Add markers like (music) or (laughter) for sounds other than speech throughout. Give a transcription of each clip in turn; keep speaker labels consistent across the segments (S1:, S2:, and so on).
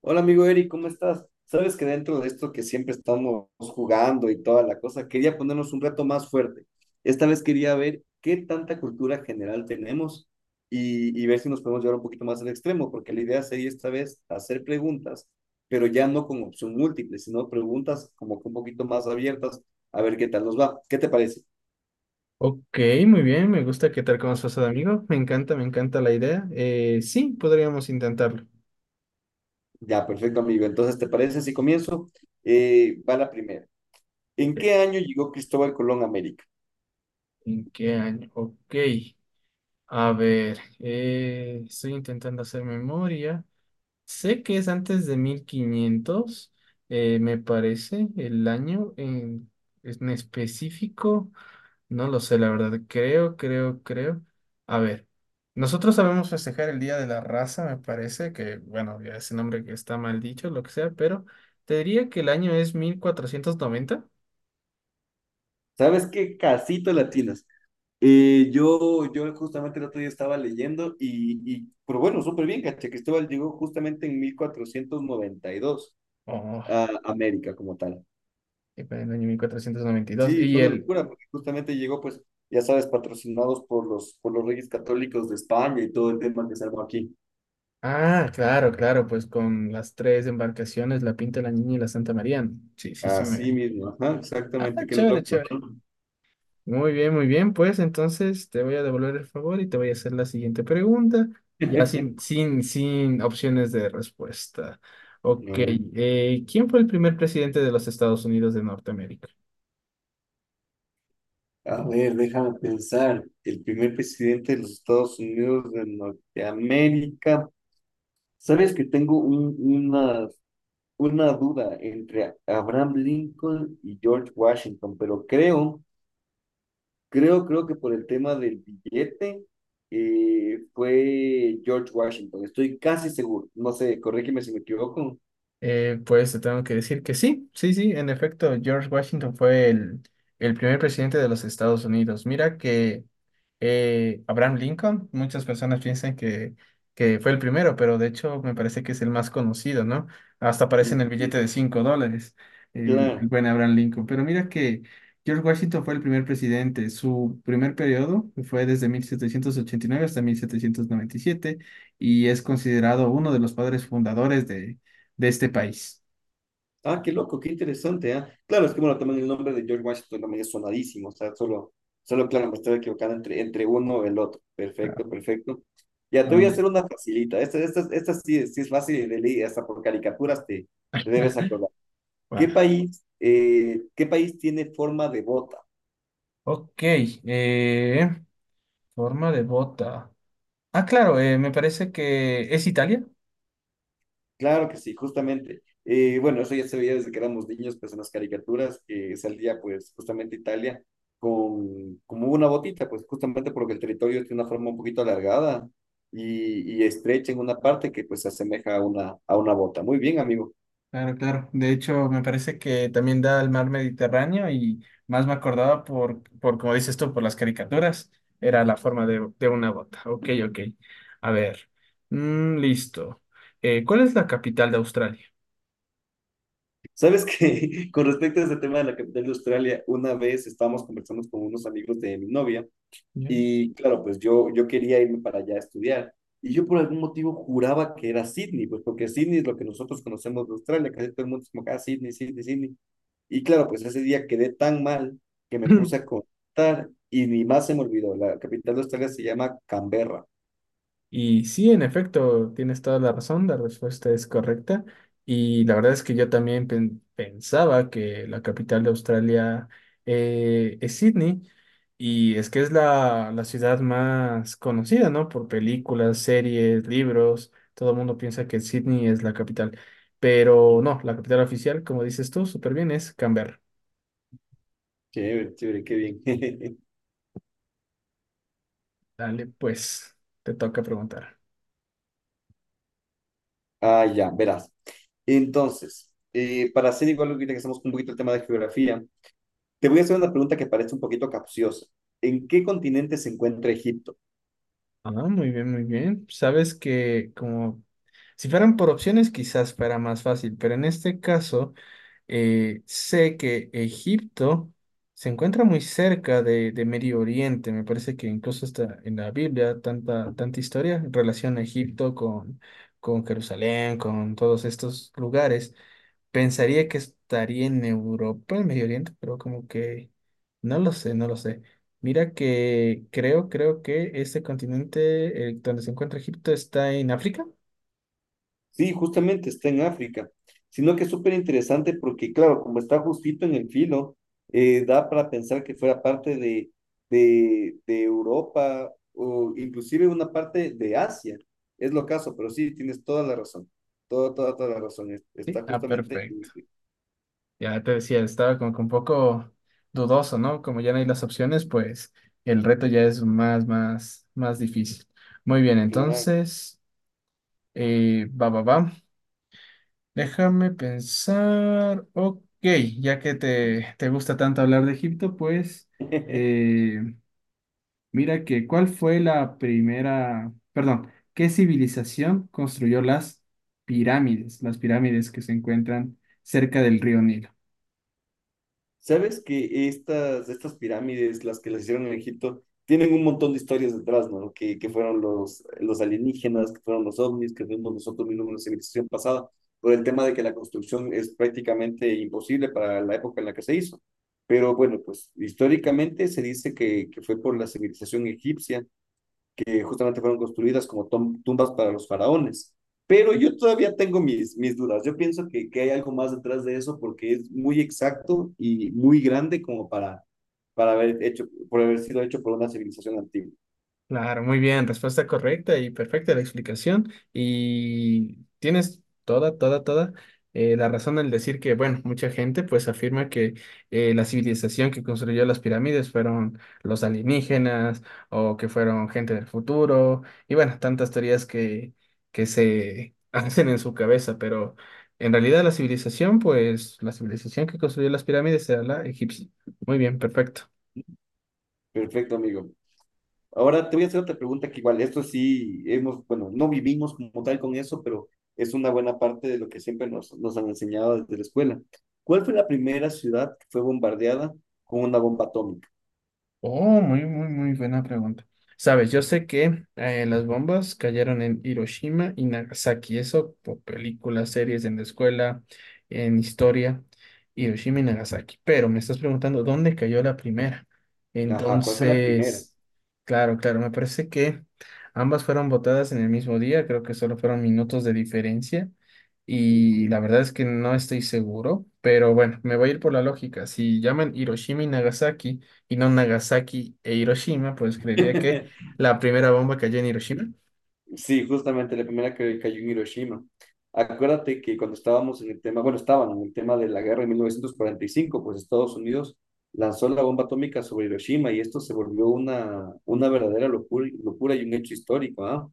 S1: Hola amigo Eric, ¿cómo estás? Sabes que dentro de esto que siempre estamos jugando y toda la cosa, quería ponernos un reto más fuerte. Esta vez quería ver qué tanta cultura general tenemos y ver si nos podemos llevar un poquito más al extremo, porque la idea sería esta vez hacer preguntas, pero ya no con opción múltiple, sino preguntas como que un poquito más abiertas, a ver qué tal nos va. ¿Qué te parece?
S2: Ok, muy bien, me gusta qué tal como has pasado, amigo. Me encanta la idea. Sí, podríamos intentarlo.
S1: Ya, perfecto amigo. Entonces, ¿te parece si comienzo? Va la primera. ¿En
S2: Ok,
S1: qué año llegó Cristóbal Colón a América?
S2: ¿en qué año? Ok, a ver, estoy intentando hacer memoria. Sé que es antes de 1500, me parece, el en específico. No lo sé, la verdad. Creo. A ver, nosotros sabemos festejar el Día de la Raza, me parece, que bueno, ya ese nombre que está mal dicho, lo que sea, pero te diría que el año es mil cuatrocientos noventa.
S1: ¿Sabes qué? Casito latinas. Yo justamente el otro día estaba leyendo y pero bueno, súper bien, caché. Cristóbal llegó justamente en 1492
S2: Oh,
S1: a América como tal.
S2: y para el año 1492. Y dos.
S1: Sí,
S2: Y
S1: fue una
S2: el...
S1: locura porque justamente llegó, pues, ya sabes, patrocinados por los reyes católicos de España y todo el tema que se armó aquí.
S2: Ah, claro, claro, pues con las tres embarcaciones, la Pinta, la Niña y la Santa María. Sí, sí, sí,
S1: Así
S2: me...
S1: mismo, ajá,
S2: Ah,
S1: exactamente, qué
S2: chévere,
S1: loco,
S2: chévere.
S1: ¿no?
S2: Muy bien, muy bien. Pues entonces te voy a devolver el favor y te voy a hacer la siguiente pregunta, ya sin,
S1: (laughs)
S2: sin, sin opciones de respuesta. Ok,
S1: A ver,
S2: ¿quién fue el primer presidente de los Estados Unidos de Norteamérica?
S1: déjame pensar. El primer presidente de los Estados Unidos de Norteamérica. Sabes que tengo una duda entre Abraham Lincoln y George Washington, pero creo que por el tema del billete fue George Washington, estoy casi seguro, no sé, corrígeme si me equivoco.
S2: Pues te tengo que decir que sí, sí, sí, en efecto, George Washington fue el primer presidente de los Estados Unidos. Mira que Abraham Lincoln, muchas personas piensan que fue el primero, pero de hecho me parece que es el más conocido, ¿no? Hasta aparece
S1: Mm,
S2: en el billete de
S1: mm,
S2: 5 dólares, el
S1: claro.
S2: buen Abraham Lincoln. Pero mira que George Washington fue el primer presidente. Su primer periodo fue desde 1789 hasta mil setecientos noventa y siete y es considerado uno de los padres fundadores de este país.
S1: Ah, qué loco, qué interesante, ¿ah? Claro, es que bueno, también el nombre de George Washington también es sonadísimo, o sea, solo claro, me estoy equivocando entre uno y el otro.
S2: Ah,
S1: Perfecto, perfecto. Ya te voy a
S2: vamos
S1: hacer
S2: bien.
S1: una facilita. Esta sí, sí es fácil de leer, hasta por caricaturas te debes acordar.
S2: (laughs) Wow.
S1: ¿Qué país tiene forma de bota?
S2: Ok, forma de bota. Ah, claro, me parece que es Italia.
S1: Claro que sí, justamente. Bueno, eso ya se veía desde que éramos niños, pues en las caricaturas, que salía pues justamente Italia con como una botita, pues justamente porque el territorio tiene una forma un poquito alargada y estrecha en una parte que pues se asemeja a una bota. Muy bien, amigo.
S2: Claro, claro. De hecho, me parece que también da al mar Mediterráneo y más me acordaba por como dices tú, por las caricaturas, era la forma de una bota. Ok, ok. A ver, mm, listo. ¿Cuál es la capital de Australia?
S1: Sabes que (laughs) con respecto a ese tema de la capital de Australia, una vez estábamos conversando con unos amigos de mi novia.
S2: Ya.
S1: Y claro, pues yo quería irme para allá a estudiar. Y yo por algún motivo juraba que era Sydney, pues porque Sydney es lo que nosotros conocemos de Australia, casi todo el mundo es como acá, Sydney, Sydney, Sydney. Y claro, pues ese día quedé tan mal que me puse
S2: (clears throat)
S1: a
S2: (laughs)
S1: contar y ni más se me olvidó. La capital de Australia se llama Canberra.
S2: Y sí, en efecto, tienes toda la razón, la respuesta es correcta. Y la verdad es que yo también pensaba que la capital de Australia es Sydney. Y es que es la ciudad más conocida, ¿no? Por películas, series, libros. Todo el mundo piensa que Sydney es la capital. Pero
S1: Mm,
S2: no, la capital oficial, como dices tú, súper bien, es Canberra.
S1: chévere, chévere, qué bien. (laughs)
S2: Dale, pues, te toca preguntar.
S1: Ah, ya, verás. Entonces, para hacer igual ahorita que estamos con un poquito el tema de geografía, te voy a hacer una pregunta que parece un poquito capciosa. ¿En qué continente se encuentra Egipto?
S2: Ah, muy bien, muy bien. Sabes que como si fueran por opciones quizás fuera más fácil, pero en este caso sé que Egipto se encuentra muy cerca de Medio Oriente. Me parece que incluso está en la Biblia tanta historia en relación a Egipto con Jerusalén, con todos estos lugares. Pensaría que estaría en Europa, en Medio Oriente, pero como que no lo sé, no lo sé. Mira que creo que este continente donde se encuentra Egipto está en África.
S1: Sí, justamente está en África, sino que es súper interesante porque, claro, como está justito en el filo, da para pensar que fuera parte de Europa o inclusive una parte de Asia. Es lo caso, pero sí, tienes toda la razón, toda la razón.
S2: Sí,
S1: Está
S2: ah,
S1: justamente
S2: perfecto. Ya te decía, estaba como que un poco dudoso, ¿no? Como ya no hay las opciones, pues el reto ya es más más difícil. Muy bien,
S1: en la nave.
S2: entonces, va. Déjame pensar. Ok, ya que te gusta tanto hablar de Egipto, pues
S1: (laughs)
S2: eh, mira que ¿cuál fue la primera, perdón, qué civilización construyó las pirámides que se encuentran cerca del río Nilo?
S1: ¿Sabes que estas pirámides, las que las hicieron en Egipto, tienen un montón de historias detrás, ¿no? Que fueron los alienígenas, que fueron los ovnis, que fuimos nosotros mismos en la civilización pasada, por el tema de que la construcción es prácticamente imposible para la época en la que se hizo. Pero bueno, pues históricamente se dice que fue por la civilización egipcia que justamente fueron construidas como tumbas para los faraones. Pero yo todavía tengo mis dudas. Yo pienso que hay algo más detrás de eso porque es muy exacto y muy grande como para haber hecho, por haber sido hecho por una civilización antigua.
S2: Claro, muy bien, respuesta correcta y perfecta la explicación. Y tienes toda, toda la razón al decir que, bueno, mucha gente pues afirma que la civilización que construyó las pirámides fueron los alienígenas o que fueron gente del futuro y bueno, tantas teorías que se (laughs) hacen en su cabeza, pero en realidad la civilización, pues la civilización que construyó las pirámides era la egipcia. Muy bien, perfecto.
S1: Perfecto, amigo. Ahora te voy a hacer otra pregunta que igual, esto sí hemos, bueno, no vivimos como tal con eso, pero es una buena parte de lo que siempre nos han enseñado desde la escuela. ¿Cuál fue la primera ciudad que fue bombardeada con una bomba atómica?
S2: Oh, muy, muy, muy buena pregunta. Sabes, yo sé que las bombas cayeron en Hiroshima y Nagasaki, eso por películas, series en la escuela, en historia, Hiroshima y Nagasaki. Pero me estás preguntando dónde cayó la primera.
S1: Ajá, ¿cuál fue la primera?
S2: Entonces, claro, claro, me parece que ambas fueron botadas en el mismo día, creo que solo fueron minutos de diferencia. Y
S1: Ujú.
S2: la verdad es que no estoy seguro, pero bueno, me voy a ir por la lógica. Si llaman Hiroshima y Nagasaki, y no Nagasaki e Hiroshima, pues creería que
S1: (laughs)
S2: la primera bomba cayó en Hiroshima.
S1: Sí, justamente la primera que cayó en Hiroshima. Acuérdate que cuando estábamos en el tema, bueno, estaban en el tema de la guerra en 1945, pues Estados Unidos lanzó la bomba atómica sobre Hiroshima y esto se volvió una verdadera locura, locura y un hecho histórico, ¿ah?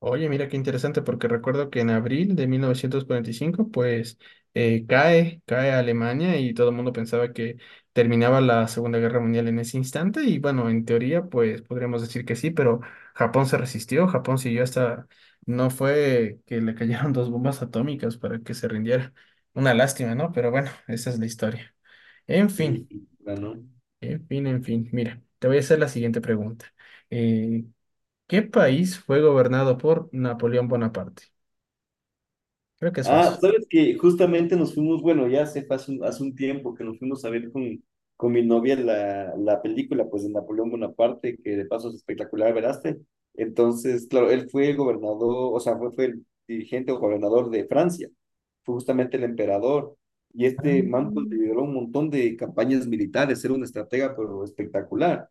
S2: Oye, mira qué interesante, porque recuerdo que en abril de 1945 pues cae Alemania y todo el mundo pensaba que terminaba la Segunda Guerra Mundial en ese instante. Y bueno, en teoría, pues podríamos decir que sí, pero Japón se resistió, Japón siguió hasta... No fue que le cayeron dos bombas atómicas para que se rindiera. Una lástima, ¿no? Pero bueno, esa es la historia. En
S1: Sí,
S2: fin.
S1: ganó.
S2: En fin, en fin, mira, te voy a hacer la siguiente pregunta. Eh, ¿Qué país fue gobernado por Napoleón Bonaparte? Creo que es
S1: Ah,
S2: fácil.
S1: sabes que justamente nos fuimos, bueno, hace un tiempo que nos fuimos a ver con mi novia la película, pues, de Napoleón Bonaparte, que de paso es espectacular, ¿veraste? Entonces, claro, él fue el gobernador, o sea, fue el dirigente o gobernador de Francia, fue justamente el emperador, y este man, pues,
S2: Ah,
S1: lideró un montón de campañas militares, era un estratega, pero espectacular.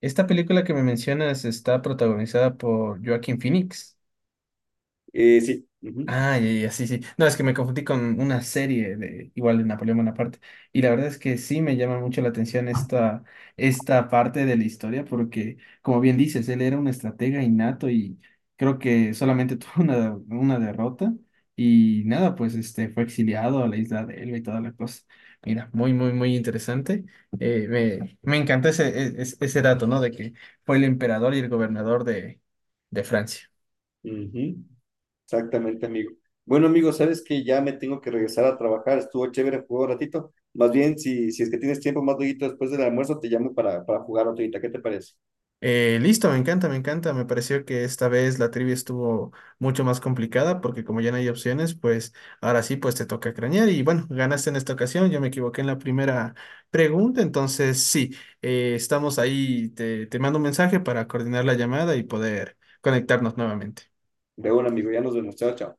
S2: esta película que me mencionas está protagonizada por Joaquín Phoenix.
S1: Sí, ujú,
S2: Ah, ya, ya, sí, sí. No, es que me confundí con una serie de igual de Napoleón Bonaparte. Y la verdad es que sí me llama mucho la atención esta parte de la historia, porque, como bien dices, él era un estratega innato y creo que solamente (laughs) tuvo una derrota. Y nada, pues este fue exiliado a la isla de Elba y toda la cosa. Mira, muy, muy, muy interesante. Me encantó ese dato, ¿no? De que fue el emperador y el gobernador de Francia.
S1: ujú. Exactamente, amigo. Bueno, amigo, sabes que ya me tengo que regresar a trabajar. Estuvo chévere jugó un ratito. Más bien, si es que tienes tiempo más luego después del almuerzo, te llamo para jugar otro. ¿Qué te parece?
S2: Listo, me encanta, me encanta. Me pareció que esta vez la trivia estuvo mucho más complicada porque como ya no hay opciones, pues ahora sí, pues te toca cranear. Y bueno, ganaste en esta ocasión. Yo me equivoqué en la primera pregunta, entonces sí, estamos ahí. Te mando un mensaje para coordinar la llamada y poder conectarnos nuevamente.
S1: De un amigo, ya nos vemos. Chao, chao.